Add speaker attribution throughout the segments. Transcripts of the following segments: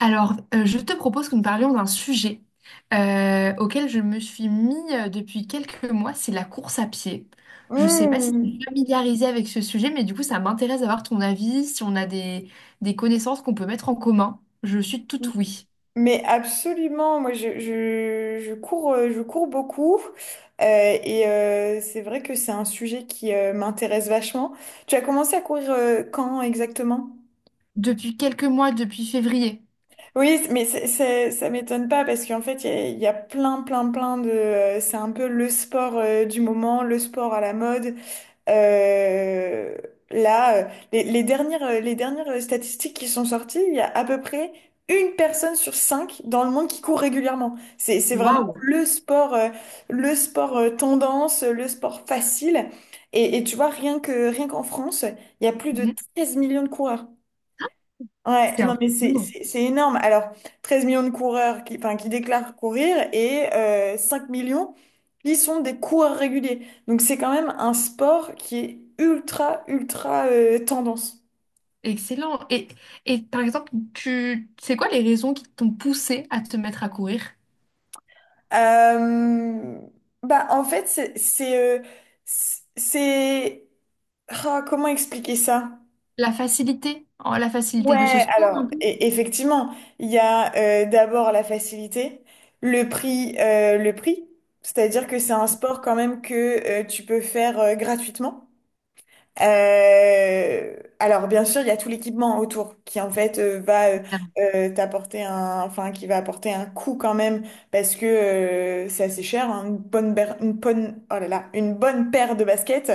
Speaker 1: Je te propose que nous parlions d'un sujet auquel je me suis mis depuis quelques mois, c'est la course à pied. Je ne sais pas si tu
Speaker 2: Mmh.
Speaker 1: es familiarisée avec ce sujet, mais du coup, ça m'intéresse d'avoir ton avis, si on a des connaissances qu'on peut mettre en commun. Je suis toute oui.
Speaker 2: Mais absolument, moi je cours, je cours beaucoup et c'est vrai que c'est un sujet qui m'intéresse vachement. Tu as commencé à courir quand exactement?
Speaker 1: Depuis quelques mois, depuis février.
Speaker 2: Oui, mais ça m'étonne pas parce qu'en fait, il y a plein, plein, plein de... c'est un peu le sport du moment, le sport à la mode. Euh, là, les dernières statistiques qui sont sorties, il y a à peu près une personne sur cinq dans le monde qui court régulièrement. C'est vraiment
Speaker 1: Waouh!
Speaker 2: le sport tendance, le sport facile. Et tu vois, rien qu'en France, il y a plus de
Speaker 1: Mhm.
Speaker 2: 13 millions de coureurs. Ouais,
Speaker 1: C'est un
Speaker 2: non, mais c'est énorme. Alors, 13 millions de coureurs qui, enfin, qui déclarent courir et 5 millions qui sont des coureurs réguliers. Donc, c'est quand même un sport qui est ultra, ultra tendance.
Speaker 1: excellent. Et par exemple, tu c'est quoi les raisons qui t'ont poussé à te mettre à courir?
Speaker 2: Euh, bah, en fait, c'est... c'est- Ah, comment expliquer ça?
Speaker 1: La facilité, la facilité
Speaker 2: Ouais,
Speaker 1: de ce sport
Speaker 2: alors
Speaker 1: un
Speaker 2: effectivement, il y a d'abord la facilité, le prix, c'est-à-dire que c'est un sport quand même que tu peux faire gratuitement. Alors bien sûr, il y a tout l'équipement autour qui en fait va t'apporter un, enfin qui va apporter un coût quand même parce que c'est assez cher, hein, une bonne, ber- une bonne, oh là là, une bonne paire de baskets.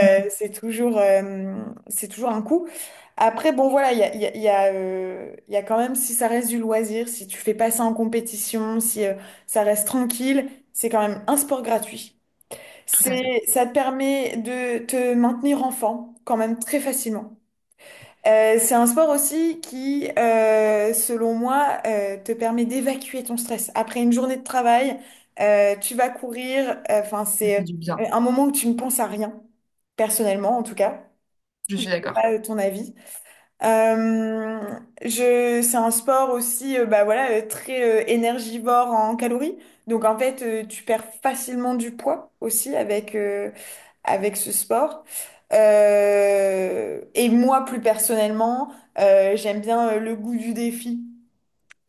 Speaker 1: peu.
Speaker 2: c'est toujours, euh, C'est toujours un coût. Après, bon, voilà, il y a, il y a, il y a, il y a quand même, si ça reste du loisir, si tu fais pas ça en compétition, si ça reste tranquille, c'est quand même un sport gratuit.
Speaker 1: Tout à fait.
Speaker 2: Ça te permet de te maintenir enfant quand même très facilement. C'est un sport aussi qui, selon moi, te permet d'évacuer ton stress. Après une journée de travail, tu vas courir. Enfin,
Speaker 1: Ça fait
Speaker 2: c'est
Speaker 1: du bien.
Speaker 2: un moment où tu ne penses à rien, personnellement en tout cas.
Speaker 1: Je suis
Speaker 2: C'est
Speaker 1: d'accord.
Speaker 2: pas ton avis. C'est un sport aussi, bah voilà, très énergivore en calories. Donc en fait, tu perds facilement du poids aussi avec ce sport. Et moi, plus personnellement, j'aime bien le goût du défi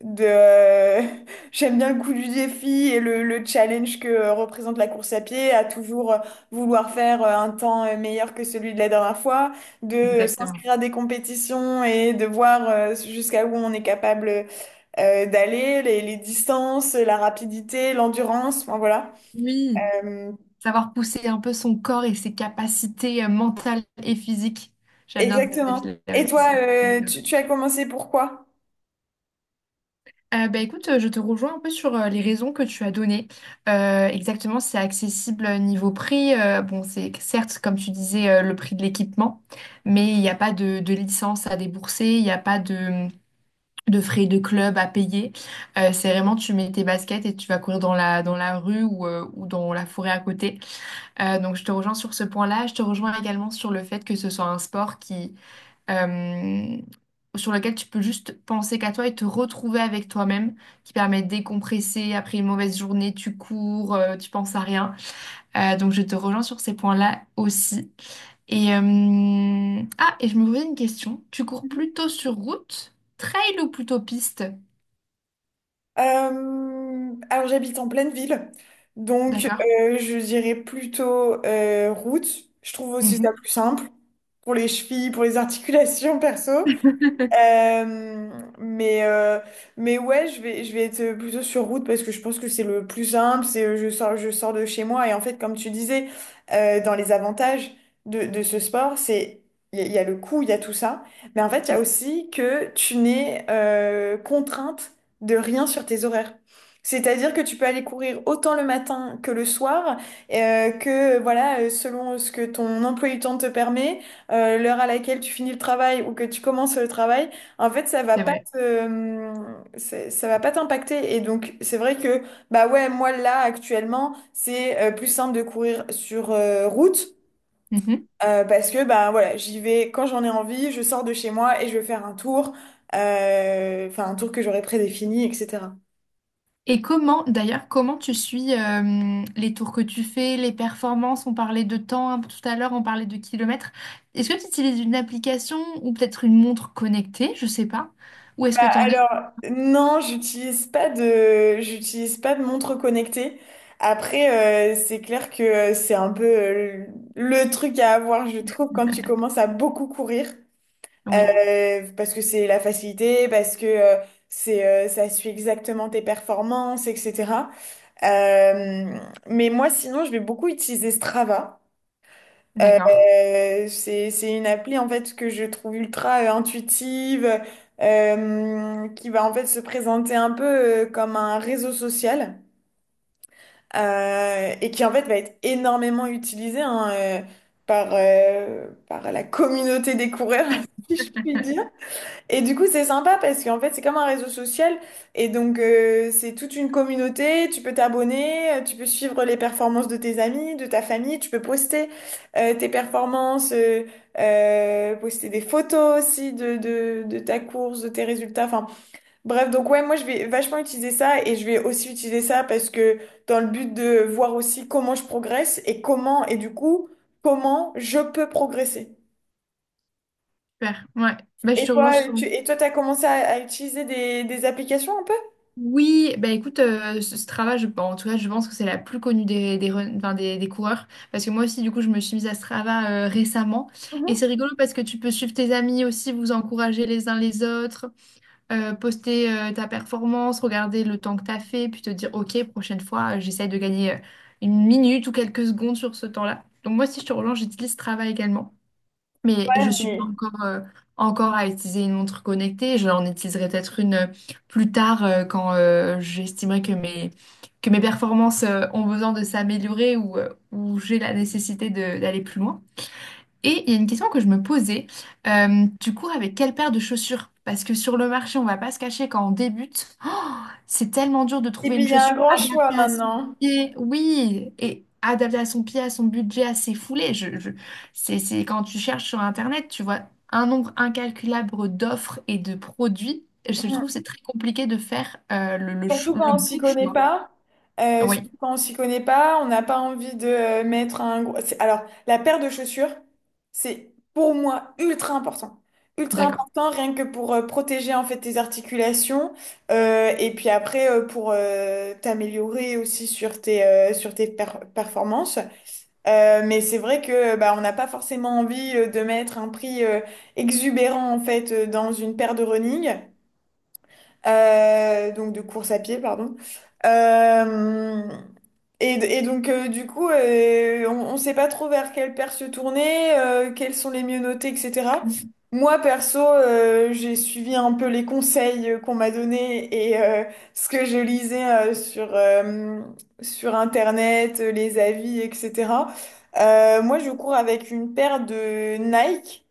Speaker 2: de j'aime bien le coup du défi et le challenge que représente la course à pied à toujours vouloir faire un temps meilleur que celui de la dernière fois, de
Speaker 1: Exactement.
Speaker 2: s'inscrire à des compétitions et de voir jusqu'à où on est capable d'aller, les distances, la rapidité, l'endurance, enfin voilà.
Speaker 1: Oui,
Speaker 2: Euh,
Speaker 1: savoir pousser un peu son corps et ses capacités mentales et physiques. J'aime bien ce
Speaker 2: exactement. Et
Speaker 1: défi-là
Speaker 2: toi,
Speaker 1: aussi. D'accord.
Speaker 2: tu as commencé pourquoi?
Speaker 1: Écoute, je te rejoins un peu sur les raisons que tu as données. Exactement, c'est accessible niveau prix. Bon, c'est certes, comme tu disais, le prix de l'équipement, mais il n'y a pas de licence à débourser, il n'y a pas de frais de club à payer. C'est vraiment, tu mets tes baskets et tu vas courir dans la rue ou dans la forêt à côté. Donc, je te rejoins sur ce point-là. Je te rejoins également sur le fait que ce soit un sport qui, euh, sur lequel tu peux juste penser qu'à toi et te retrouver avec toi-même, qui permet de décompresser. Après une mauvaise journée, tu cours, tu penses à rien. Donc, je te rejoins sur ces points-là aussi. Et je me posais une question. Tu cours plutôt sur route, trail ou plutôt piste?
Speaker 2: Alors j'habite en pleine ville, donc
Speaker 1: D'accord.
Speaker 2: je dirais plutôt route. Je trouve aussi ça
Speaker 1: Mhm.
Speaker 2: plus simple pour les chevilles, pour les articulations perso. Euh, mais, euh, mais ouais, je vais être plutôt sur route parce que je pense que c'est le plus simple. C'est je sors de chez moi. Et en fait, comme tu disais, dans les avantages de ce sport, c'est il y a le coût, il y a tout ça. Mais en fait, il y a aussi que tu n'es contrainte de rien sur tes horaires. C'est-à-dire que tu peux aller courir autant le matin que le soir, que voilà, selon ce que ton emploi du temps te permet l'heure à laquelle tu finis le travail ou que tu commences le travail, en fait,
Speaker 1: C'est vrai.
Speaker 2: ça va pas t'impacter. Et donc, c'est vrai que, bah ouais, moi là, actuellement, c'est plus simple de courir sur route
Speaker 1: Mhm.
Speaker 2: parce que, bah voilà, j'y vais quand j'en ai envie, je sors de chez moi et je vais faire un tour, enfin, un tour que j'aurais prédéfini, etc.
Speaker 1: Et comment, d'ailleurs, comment tu suis les tours que tu fais, les performances? On parlait de temps hein, tout à l'heure, on parlait de kilomètres. Est-ce que tu utilises une application ou peut-être une montre connectée? Je sais pas. Où est-ce
Speaker 2: Bah
Speaker 1: que tu en es?
Speaker 2: alors, non, j'utilise pas de montre connectée. Après, c'est clair que c'est un peu le truc à avoir, je trouve, quand tu commences à beaucoup courir.
Speaker 1: Oui,
Speaker 2: Parce que c'est la facilité, parce que ça suit exactement tes performances, etc. Euh, mais moi, sinon, je vais beaucoup utiliser Strava.
Speaker 1: d'accord.
Speaker 2: C'est une appli en fait que je trouve ultra intuitive, qui va en fait se présenter un peu comme un réseau social et qui en fait va être énormément utilisé hein, par la communauté des coureurs, si je puis dire. Et du coup, c'est sympa parce qu'en fait, c'est comme un réseau social. Et donc, c'est toute une communauté. Tu peux t'abonner, tu peux suivre les performances de tes amis, de ta famille. Tu peux poster tes performances, poster des photos aussi de ta course, de tes résultats. Enfin, bref, donc ouais, moi, je vais vachement utiliser ça. Et je vais aussi utiliser ça parce que dans le but de voir aussi comment je progresse et comment, et du coup, comment je peux progresser.
Speaker 1: Super. Ouais. Bah, je
Speaker 2: Et
Speaker 1: te relance.
Speaker 2: toi, t'as commencé à utiliser des applications un peu?
Speaker 1: Oui, bah écoute, ce travail, je, bon, en tout cas, je pense que c'est la plus connue enfin, des coureurs. Parce que moi aussi, du coup, je me suis mise à Strava récemment. Et
Speaker 2: Mhm.
Speaker 1: c'est rigolo parce que tu peux suivre tes amis aussi, vous encourager les uns les autres, poster ta performance, regarder le temps que tu as fait, puis te dire, OK, prochaine fois, j'essaie de gagner une minute ou quelques secondes sur ce temps-là. Donc moi, si je te relance, j'utilise Strava également. Mais je suis pas
Speaker 2: Mais-
Speaker 1: encore, encore à utiliser une montre connectée. J'en utiliserai peut-être une plus tard quand j'estimerai que que mes performances ont besoin de s'améliorer ou j'ai la nécessité d'aller plus loin. Et il y a une question que je me posais. Tu cours avec quelle paire de chaussures? Parce que sur le marché, on va pas se cacher quand on débute. C'est tellement dur de
Speaker 2: Et
Speaker 1: trouver
Speaker 2: puis,
Speaker 1: une
Speaker 2: il y a un
Speaker 1: chaussure
Speaker 2: grand choix
Speaker 1: adaptée à son
Speaker 2: maintenant.
Speaker 1: pied. Oui, et adaptée à son pied, à son budget, à ses foulées. C'est quand tu cherches sur Internet, tu vois un nombre incalculable d'offres et de produits. Et je trouve que
Speaker 2: Mm.
Speaker 1: c'est très compliqué de faire
Speaker 2: Surtout
Speaker 1: le
Speaker 2: quand on
Speaker 1: bon.
Speaker 2: s'y connaît pas. Surtout
Speaker 1: Oui,
Speaker 2: quand on s'y connaît pas, on n'a pas envie de mettre un gros... Alors, la paire de chaussures, c'est pour moi ultra important. Ultra
Speaker 1: d'accord.
Speaker 2: important, rien que pour protéger en fait tes articulations. Et puis après, pour t'améliorer aussi sur tes performances. Mais c'est vrai que bah, on n'a pas forcément envie de mettre un prix exubérant en fait dans une paire de running. Donc de course à pied, pardon. Euh, et, et donc du coup, on ne sait pas trop vers quelle paire se tourner, quels sont les mieux notés, etc. Moi, perso, j'ai suivi un peu les conseils qu'on m'a donnés et ce que je lisais euh, sur, euh, sur Internet, les avis, etc. Moi, je cours avec une paire de Nike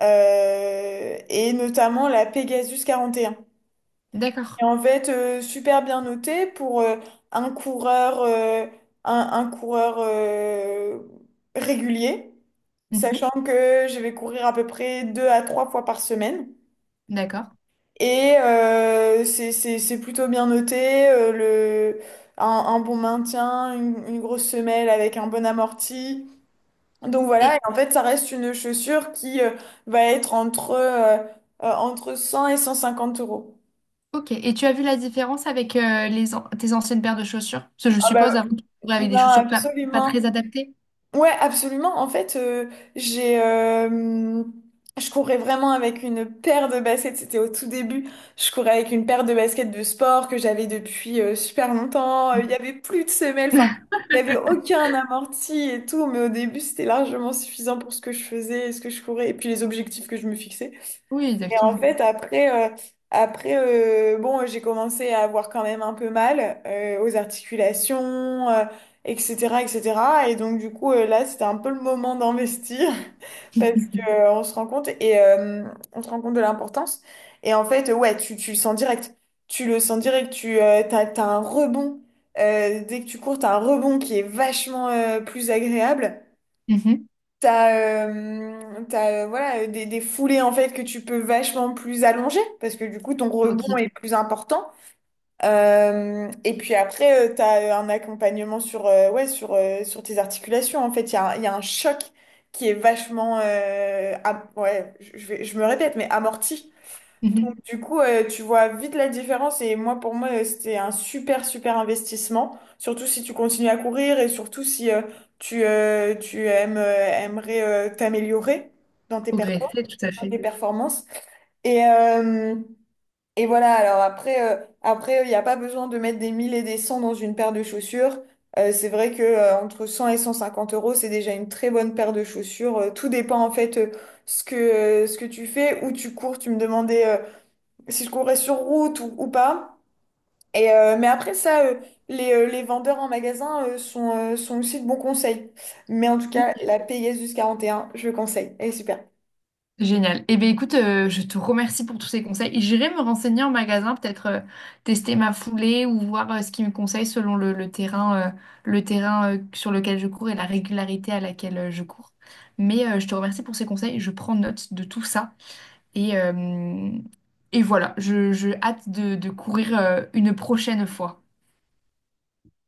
Speaker 2: et notamment la Pegasus 41 et
Speaker 1: D'accord.
Speaker 2: en fait, super bien noté pour un coureur, euh, un coureur régulier,
Speaker 1: Mhm,
Speaker 2: sachant que je vais courir à peu près deux à trois fois par semaine.
Speaker 1: d'accord.
Speaker 2: Et c'est plutôt bien noté, un bon maintien, une grosse semelle avec un bon amorti. Donc
Speaker 1: Et,
Speaker 2: voilà, et en fait, ça reste une chaussure qui va être entre 100 et 150 euros.
Speaker 1: ok. Et tu as vu la différence avec tes anciennes paires de chaussures? Parce que je
Speaker 2: Ah bah,
Speaker 1: suppose avant, tu courais avec des
Speaker 2: non,
Speaker 1: chaussures pas
Speaker 2: absolument.
Speaker 1: très adaptées.
Speaker 2: Ouais, absolument. En fait, je courais vraiment avec une paire de baskets. C'était au tout début. Je courais avec une paire de baskets de sport que j'avais depuis super longtemps. Il y avait plus de semelles. Enfin, il y avait aucun amorti et tout. Mais au début, c'était largement suffisant pour ce que je faisais et ce que je courais et puis les objectifs que je me fixais.
Speaker 1: Oui,
Speaker 2: Et en
Speaker 1: exactement.
Speaker 2: fait, après bon, j'ai commencé à avoir quand même un peu mal aux articulations, etc., etc. Et cetera. Et donc, du coup, là, c'était un peu le moment d'investir parce que on se rend compte de l'importance. Et en fait, ouais, tu le sens direct. Tu le sens direct. T'as un rebond. Dès que tu cours, t'as un rebond qui est vachement plus agréable.
Speaker 1: Mhm.
Speaker 2: Voilà, des foulées en fait que tu peux vachement plus allonger parce que du coup ton rebond
Speaker 1: Ok.
Speaker 2: est plus important. Et puis après, t'as un accompagnement sur, ouais, sur, sur tes articulations. En fait, il y a un choc qui est vachement, ouais, je me répète, mais amorti.
Speaker 1: Mhm.
Speaker 2: Du coup, tu vois vite la différence et moi, pour moi, c'était un super, super investissement, surtout si tu continues à courir et surtout si tu, euh, tu aimes, euh, aimerais t'améliorer dans tes performances,
Speaker 1: Progresser, tout à
Speaker 2: dans
Speaker 1: fait.
Speaker 2: tes performances. Et, euh, et voilà, alors après, il n'y a pas besoin de mettre des 1000 et des 100 dans une paire de chaussures. C'est vrai que entre 100 et 150 euros, c'est déjà une très bonne paire de chaussures. Tout dépend en fait ce que tu fais, où tu cours. Tu me demandais si je courais sur route ou pas. Mais après ça, les vendeurs en magasin sont aussi de bons conseils. Mais en tout
Speaker 1: Ok.
Speaker 2: cas, la Pegasus quarante et un je conseille. Elle est super.
Speaker 1: Génial. Eh bien, écoute, je te remercie pour tous ces conseils. J'irai me renseigner en magasin, peut-être tester ma foulée ou voir ce qu'ils me conseillent selon le terrain, sur lequel je cours et la régularité à laquelle je cours. Mais je te remercie pour ces conseils. Je prends note de tout ça. Et, euh, et voilà, je hâte de courir une prochaine fois.